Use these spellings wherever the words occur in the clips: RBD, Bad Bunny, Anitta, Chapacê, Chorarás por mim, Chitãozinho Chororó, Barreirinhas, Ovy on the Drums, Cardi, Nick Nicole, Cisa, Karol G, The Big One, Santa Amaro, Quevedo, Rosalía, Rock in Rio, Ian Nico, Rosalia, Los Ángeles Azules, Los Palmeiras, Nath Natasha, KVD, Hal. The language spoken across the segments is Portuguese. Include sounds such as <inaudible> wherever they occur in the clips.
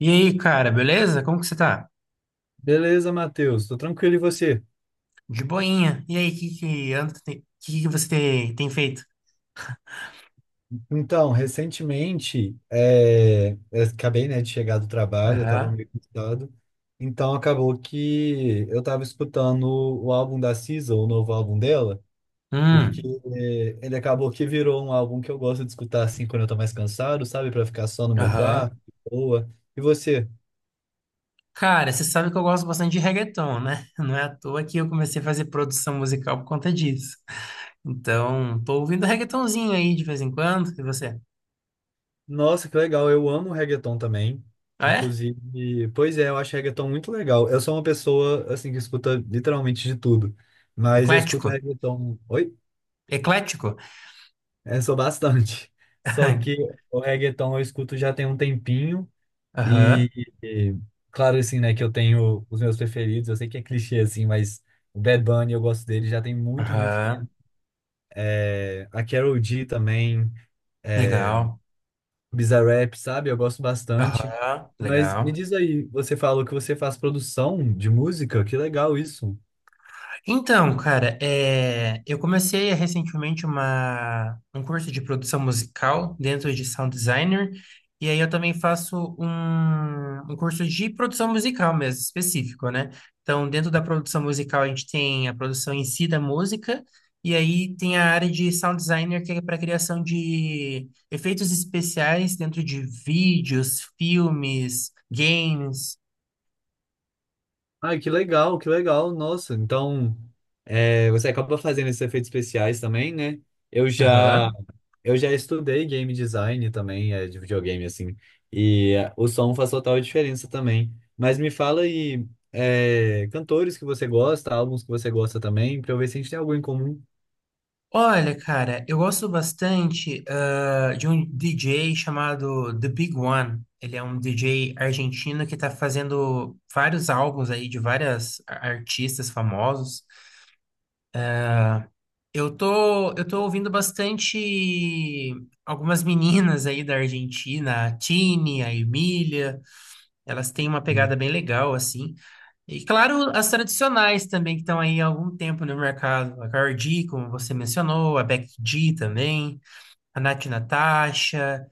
E aí, cara, beleza? Como que você tá? Beleza, Matheus, tô tranquilo e você? De boinha. E aí, o que que anda, que você tem feito? Então, recentemente, eu acabei, né, de chegar do trabalho, eu tava Aham. meio cansado, então acabou que eu tava escutando o álbum da Cisa, o novo álbum dela, porque Hum. Ele acabou que virou um álbum que eu gosto de escutar assim quando eu tô mais cansado, sabe, pra ficar só no meu Aham. quarto, de boa. E você? Cara, você sabe que eu gosto bastante de reggaeton, né? Não é à toa que eu comecei a fazer produção musical por conta disso. Então, tô ouvindo reggaetonzinho aí de vez em quando. E você? Nossa, que legal. Eu amo reggaeton também. Ah, é? Inclusive, pois é, eu acho reggaeton muito legal. Eu sou uma pessoa, assim, que escuta literalmente de tudo. Mas eu escuto Eclético? reggaeton. Oi? Eclético? Eu sou bastante. <laughs> Só que <laughs> o reggaeton eu escuto já tem um tempinho. Aham. Aham. E, e, claro, assim, né, que eu tenho os meus preferidos. Eu sei que é clichê, assim, mas o Bad Bunny eu gosto dele já tem muito, muito Aham. tempo. É, a Karol G também. Legal. Bizarrap, sabe? Eu gosto bastante. Aham. Mas me Legal. diz aí, você falou que você faz produção de música? Que legal isso. Então, cara, eu comecei recentemente um curso de produção musical dentro de sound designer, e aí eu também faço um curso de produção musical mesmo, específico, né? Então, dentro da produção musical, a gente tem a produção em si da música, e aí tem a área de sound designer, que é para criação de efeitos especiais dentro de vídeos, filmes, games. Ai, que legal, que legal. Nossa, então é, você acaba fazendo esses efeitos especiais também, né? Eu já, Aham. eu já estudei game design também, é, de videogame, assim. E é, o som faz total diferença também. Mas me fala aí, é, cantores que você gosta, álbuns que você gosta também, pra eu ver se a gente tem algo em comum. Olha, cara, eu gosto bastante de um DJ chamado The Big One. Ele é um DJ argentino que está fazendo vários álbuns aí de artistas famosos. Eu tô ouvindo bastante algumas meninas aí da Argentina, a Tini, a Emília. Elas têm uma pegada bem legal, assim. E claro, as tradicionais também, que estão aí há algum tempo no mercado. A Cardi, como você mencionou, a Becky G também. A Nath Natasha,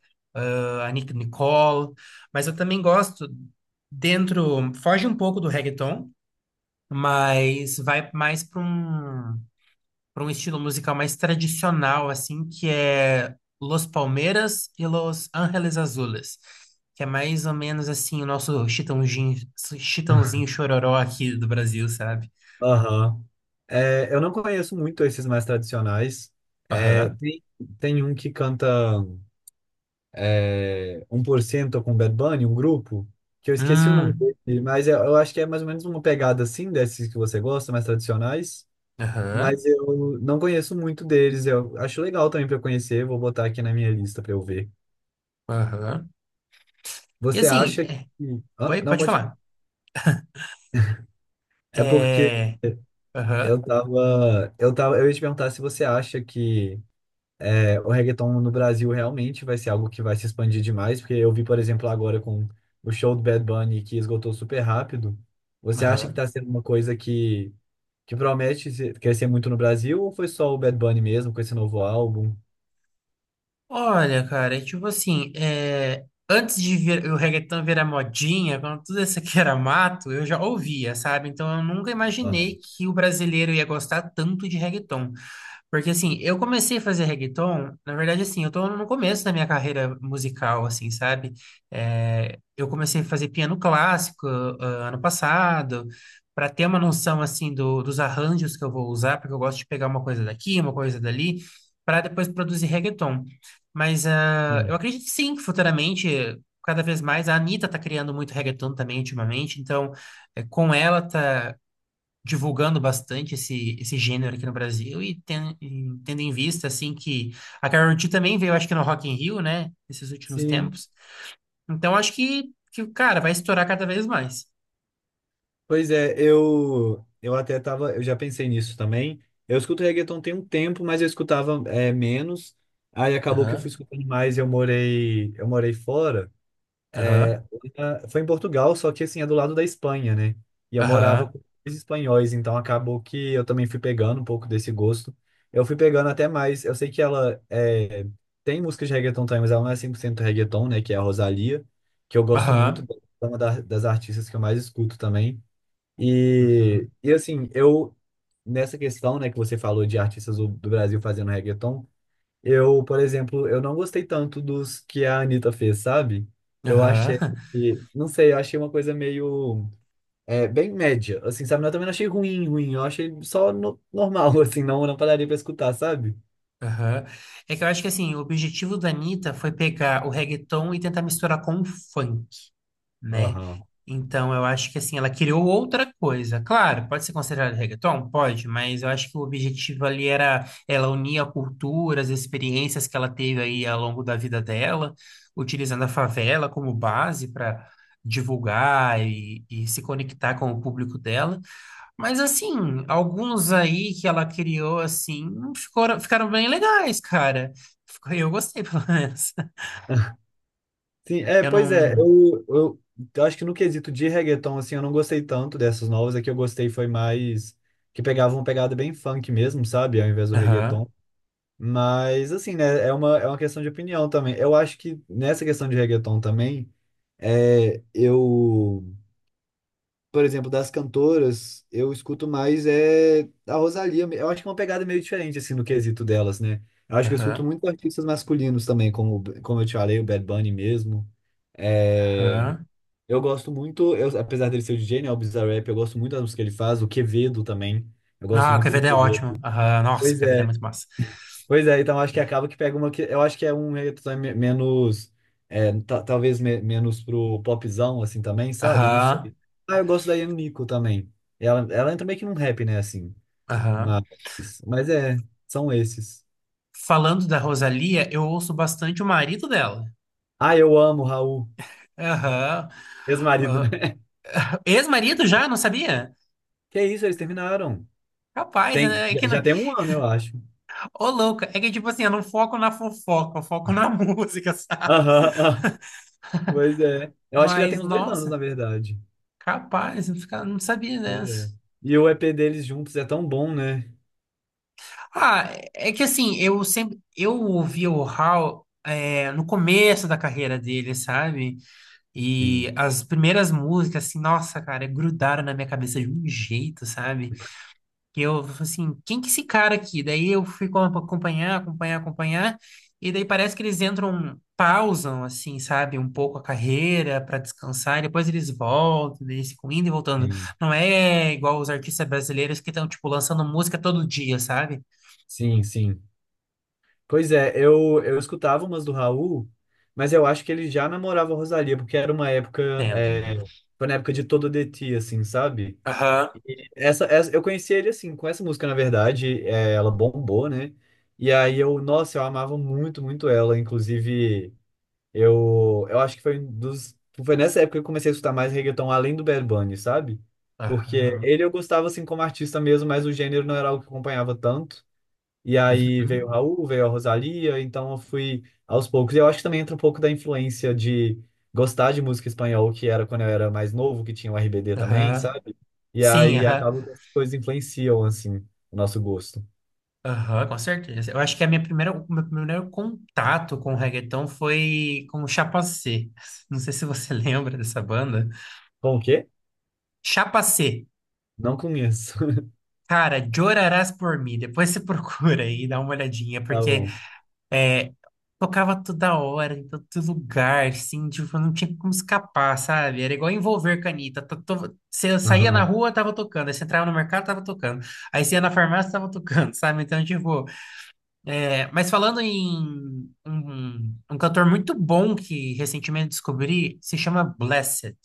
a Nick Nicole, mas eu também gosto dentro, foge um pouco do reggaeton, mas vai mais para um estilo musical mais tradicional, assim, que é Los Palmeiras e Los Ángeles Azules, que é mais ou menos assim o nosso Chitãozinho, <laughs> Chitãozinho Chororó aqui do Brasil, sabe? Aham. É, eu não conheço muito esses mais tradicionais. É, Aham. tem, tem um que canta é, um por cento com Bad Bunny, um grupo, que eu esqueci o nome Hum, dele, mas eu acho que é mais ou menos uma pegada assim, desses que você gosta, mais tradicionais. aham, Mas eu não conheço muito deles. Eu acho legal também para conhecer, vou botar aqui na minha lista para eu ver. aham. E Você assim, acha que. é, Ah, oi, não, pode pode falar. falar. É porque É, aham. Eu tava. Eu ia te perguntar se você acha que o reggaeton no Brasil realmente vai ser algo que vai se expandir demais, porque eu vi, por exemplo, agora com o show do Bad Bunny que esgotou super rápido. Você acha que Aham. está sendo uma coisa que promete ser- crescer muito no Brasil ou foi só o Bad Bunny mesmo com esse novo álbum? Olha, cara, é tipo assim, é, antes de vir, o reggaeton virar modinha, quando tudo isso aqui <laughs> era mato, eu já ouvia, sabe? Então eu nunca Ah, imaginei que o brasileiro ia gostar tanto de reggaeton. Porque assim, eu comecei a fazer reggaeton, na verdade assim, eu tô no começo da minha carreira musical, assim, sabe? Eu comecei a fazer piano clássico ano passado, para ter uma noção assim dos arranjos que eu vou usar, porque eu gosto de pegar uma coisa daqui, uma coisa dali, para depois produzir reggaeton. Mas eu sim. acredito sim que futuramente, cada vez mais, a Anitta tá criando muito reggaeton também ultimamente, então é, com ela tá divulgando bastante esse gênero aqui no Brasil e e tendo em vista, assim, que a Karol G também veio, acho que no Rock in Rio, né, nesses últimos Sim. tempos. Então, acho que cara, vai estourar cada vez mais. Pois é, eu até tava, eu já pensei nisso também. Eu escuto reggaeton tem um tempo, mas eu escutava é, menos. Aí acabou que eu fui Aham, escutando mais, eu morei fora. aham, Ah, foi em Portugal, só que assim, é do lado da Espanha, né? E eu morava aham, com os espanhóis, então acabou que eu também fui pegando um pouco desse gosto. Eu fui pegando até mais. Eu sei que tem música de reggaeton também, mas ela não é 100% reggaeton, né? Que é a Rosalía, que eu gosto muito, aham, é uma da- das artistas que eu mais escuto também. E, uhum, e assim, eu, nessa questão, né, que você falou de artistas do Brasil fazendo reggaeton. Eu, por exemplo, eu não gostei tanto dos que a Anitta fez, sabe? Eu achei aham, que, não sei, eu achei uma coisa meio, é, bem média, assim, sabe? Eu também não achei ruim, ruim, eu achei só no- normal, <laughs> assim, não, não pararia pra escutar, sabe? <laughs> aham. É que eu acho que, assim, o objetivo da Anitta foi pegar o reggaeton e tentar misturar com o funk. Né? Aham. Então, eu acho que assim, ela criou outra coisa. Claro, pode ser considerado reggaeton? Pode, mas eu acho que o objetivo ali era ela unir a cultura, as experiências que ela teve aí ao longo da vida dela, utilizando a favela como base para divulgar e se conectar com o público dela. Mas assim, alguns aí que ela criou assim, ficaram bem legais, cara. Ficou- Eu gostei, <laughs> pelo menos. <laughs> Sim, é, Eu pois é, não. Eu acho que no quesito de reggaeton, assim, eu não gostei tanto dessas novas, a que eu gostei foi mais, que pegavam uma pegada bem funk mesmo, sabe? Ao invés do Aham, reggaeton. Mas, assim, né, é é uma questão de opinião também. Eu acho que nessa questão de reggaeton também, é, eu, por exemplo, das cantoras, eu escuto mais é a Rosalía. Eu acho que é uma pegada meio diferente, assim, no quesito delas, né? Eu acho que eu escuto aham, muito artistas masculinos também, como eu te falei, o Bad Bunny mesmo. É, aham. eu gosto muito, eu, apesar dele ser o DJ, né, o Bizarrap, eu gosto muito das músicas que ele faz, o Quevedo também. Eu gosto Ah, o muito do KVD é Quevedo. ótimo. Aham, nossa, o Pois KVD é é. muito massa. Pois é, então acho que acaba que pega uma que eu acho que é um reggaeton me- menos é, ta- talvez me- menos pro popzão assim também, sabe? Não Aham, sei. Ah, eu gosto da Ian Nico também. Ela entra meio que num rap, né, assim. aham. Mas é, são esses. Falando da Rosalia, eu ouço bastante o marido dela. Ah, eu amo o Raul, Aham. ex-marido, né? Aham. <laughs> Ex-marido já, não sabia? Que isso, eles terminaram. Capaz, Tem, né? É que já não... já tem um ano, eu acho. Ô, louca, é que tipo assim, eu não foco na fofoca, eu foco na <laughs> música, sabe? Aham, ah, pois é. Eu acho que já tem Mas, uns dois anos, na nossa, verdade. capaz, não sabia Pois é. dessa. E o EP deles juntos é tão bom, né? Ah, é que assim, eu sempre... Eu ouvi o Hal, é, no começo da carreira dele, sabe? E Sim, as primeiras músicas, assim, nossa, cara, grudaram na minha cabeça de um jeito, sabe? Que eu, falei assim, quem que é esse cara aqui? Daí eu acompanhar, acompanhar, acompanhar, e daí parece que eles entram, pausam, assim, sabe? Um pouco a carreira para descansar, e depois eles voltam, daí eles ficam indo e voltando. sim. Não é igual os artistas brasileiros que estão, tipo, lançando música todo dia, sabe? Sim, sim. Pois é, eu escutava umas do Raul, mas eu acho que ele já namorava a Rosalía, porque era uma época, Dentro. é, foi na época de Todo de Ti, assim, sabe? Aham. Eu conheci ele, assim, com essa música, na verdade, é, ela bombou, né? E aí eu, nossa, eu amava muito, muito ela, inclusive, eu acho que foi um dos, foi nessa época que eu comecei a escutar mais reggaeton, além do Bad Bunny, sabe? Porque Aham. ele eu gostava, assim, como artista mesmo, mas o gênero não era algo que eu acompanhava tanto. E aí veio o Uhum. Raul, veio a Rosalía então eu fui aos poucos. E eu acho que também entra um pouco da influência de gostar de música espanhol, que era quando eu era mais novo, que tinha o RBD também, Aham. sabe? E Sim, aí aham. acaba que as coisas influenciam, assim, o nosso gosto. Aham, com certeza. Eu acho que a o meu primeiro contato com o reggaeton foi com o Chapacê. Não sei se você <laughs> lembra dessa banda. Com o quê? Chapacê. Não conheço. <laughs> Cara, Chorarás por mim. Depois você <laughs> procura aí, e dá uma olhadinha, Tá porque bom. é, tocava toda hora, em todo lugar, assim, tipo, não tinha como escapar, sabe? Era igual envolver canita. Tá to- Você saía na Aham. rua, tava tocando. Aí você entrava no mercado, tava tocando. Aí você ia na farmácia, tava tocando, sabe? Então, tipo. É, mas falando em um cantor muito bom que recentemente descobri, se chama Blessed,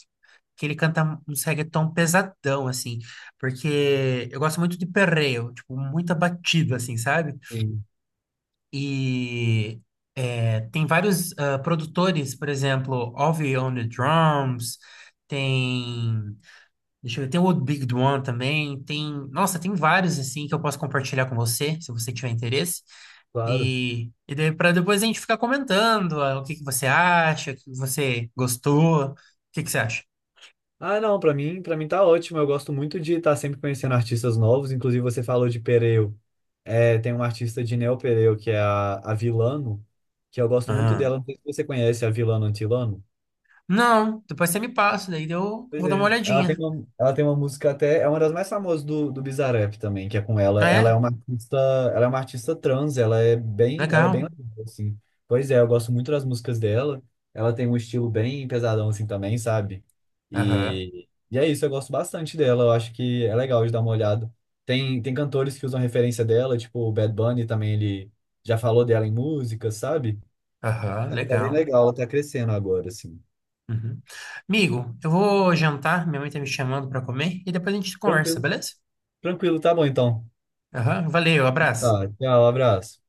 que ele canta uns reggaeton pesadão, assim, porque eu gosto muito de perreo, tipo, muita batida, assim, sabe? Sim, E é, tem vários produtores, por exemplo, Ovy on the Drums, tem deixa eu ver. Tem o Old Big One também. Tem, nossa, tem vários assim que eu posso compartilhar com você, se você tiver interesse. claro. E daí para depois a gente ficar comentando o que que você acha, o que você gostou, o que que você acha? Ah, não, pra mim, para mim tá ótimo. Eu gosto muito de estar sempre conhecendo artistas novos. Inclusive, você falou de Pereu. É, tem uma artista de Neo Pereu, que é a Vilano, que eu gosto muito Ah. dela. Não sei se você conhece a Vilano Antilano. Não, depois você me passa, daí eu Pois vou dar uma é. Olhadinha. Ela tem uma música até, é uma das mais famosas do Bizarrap também, que é com ela. Ah, Ela é é? uma artista, ela é uma artista trans, ela é bem Legal. legal, assim. Pois é, eu gosto muito das músicas dela. Ela tem um estilo bem pesadão assim também, sabe? Aham, E é isso, eu gosto bastante dela. Eu acho que é legal de dar uma olhada. Tem cantores que usam referência dela, tipo o Bad Bunny também, ele já falou dela em música, sabe? aham, Ela tá bem legal. legal, ela tá crescendo agora, assim. Uhum. Amigo, eu vou jantar, minha mãe tá me chamando para comer e depois a gente conversa, Tranquilo, beleza? tranquilo, tá bom então. Aham, valeu, abraço. Tá, tchau, abraço.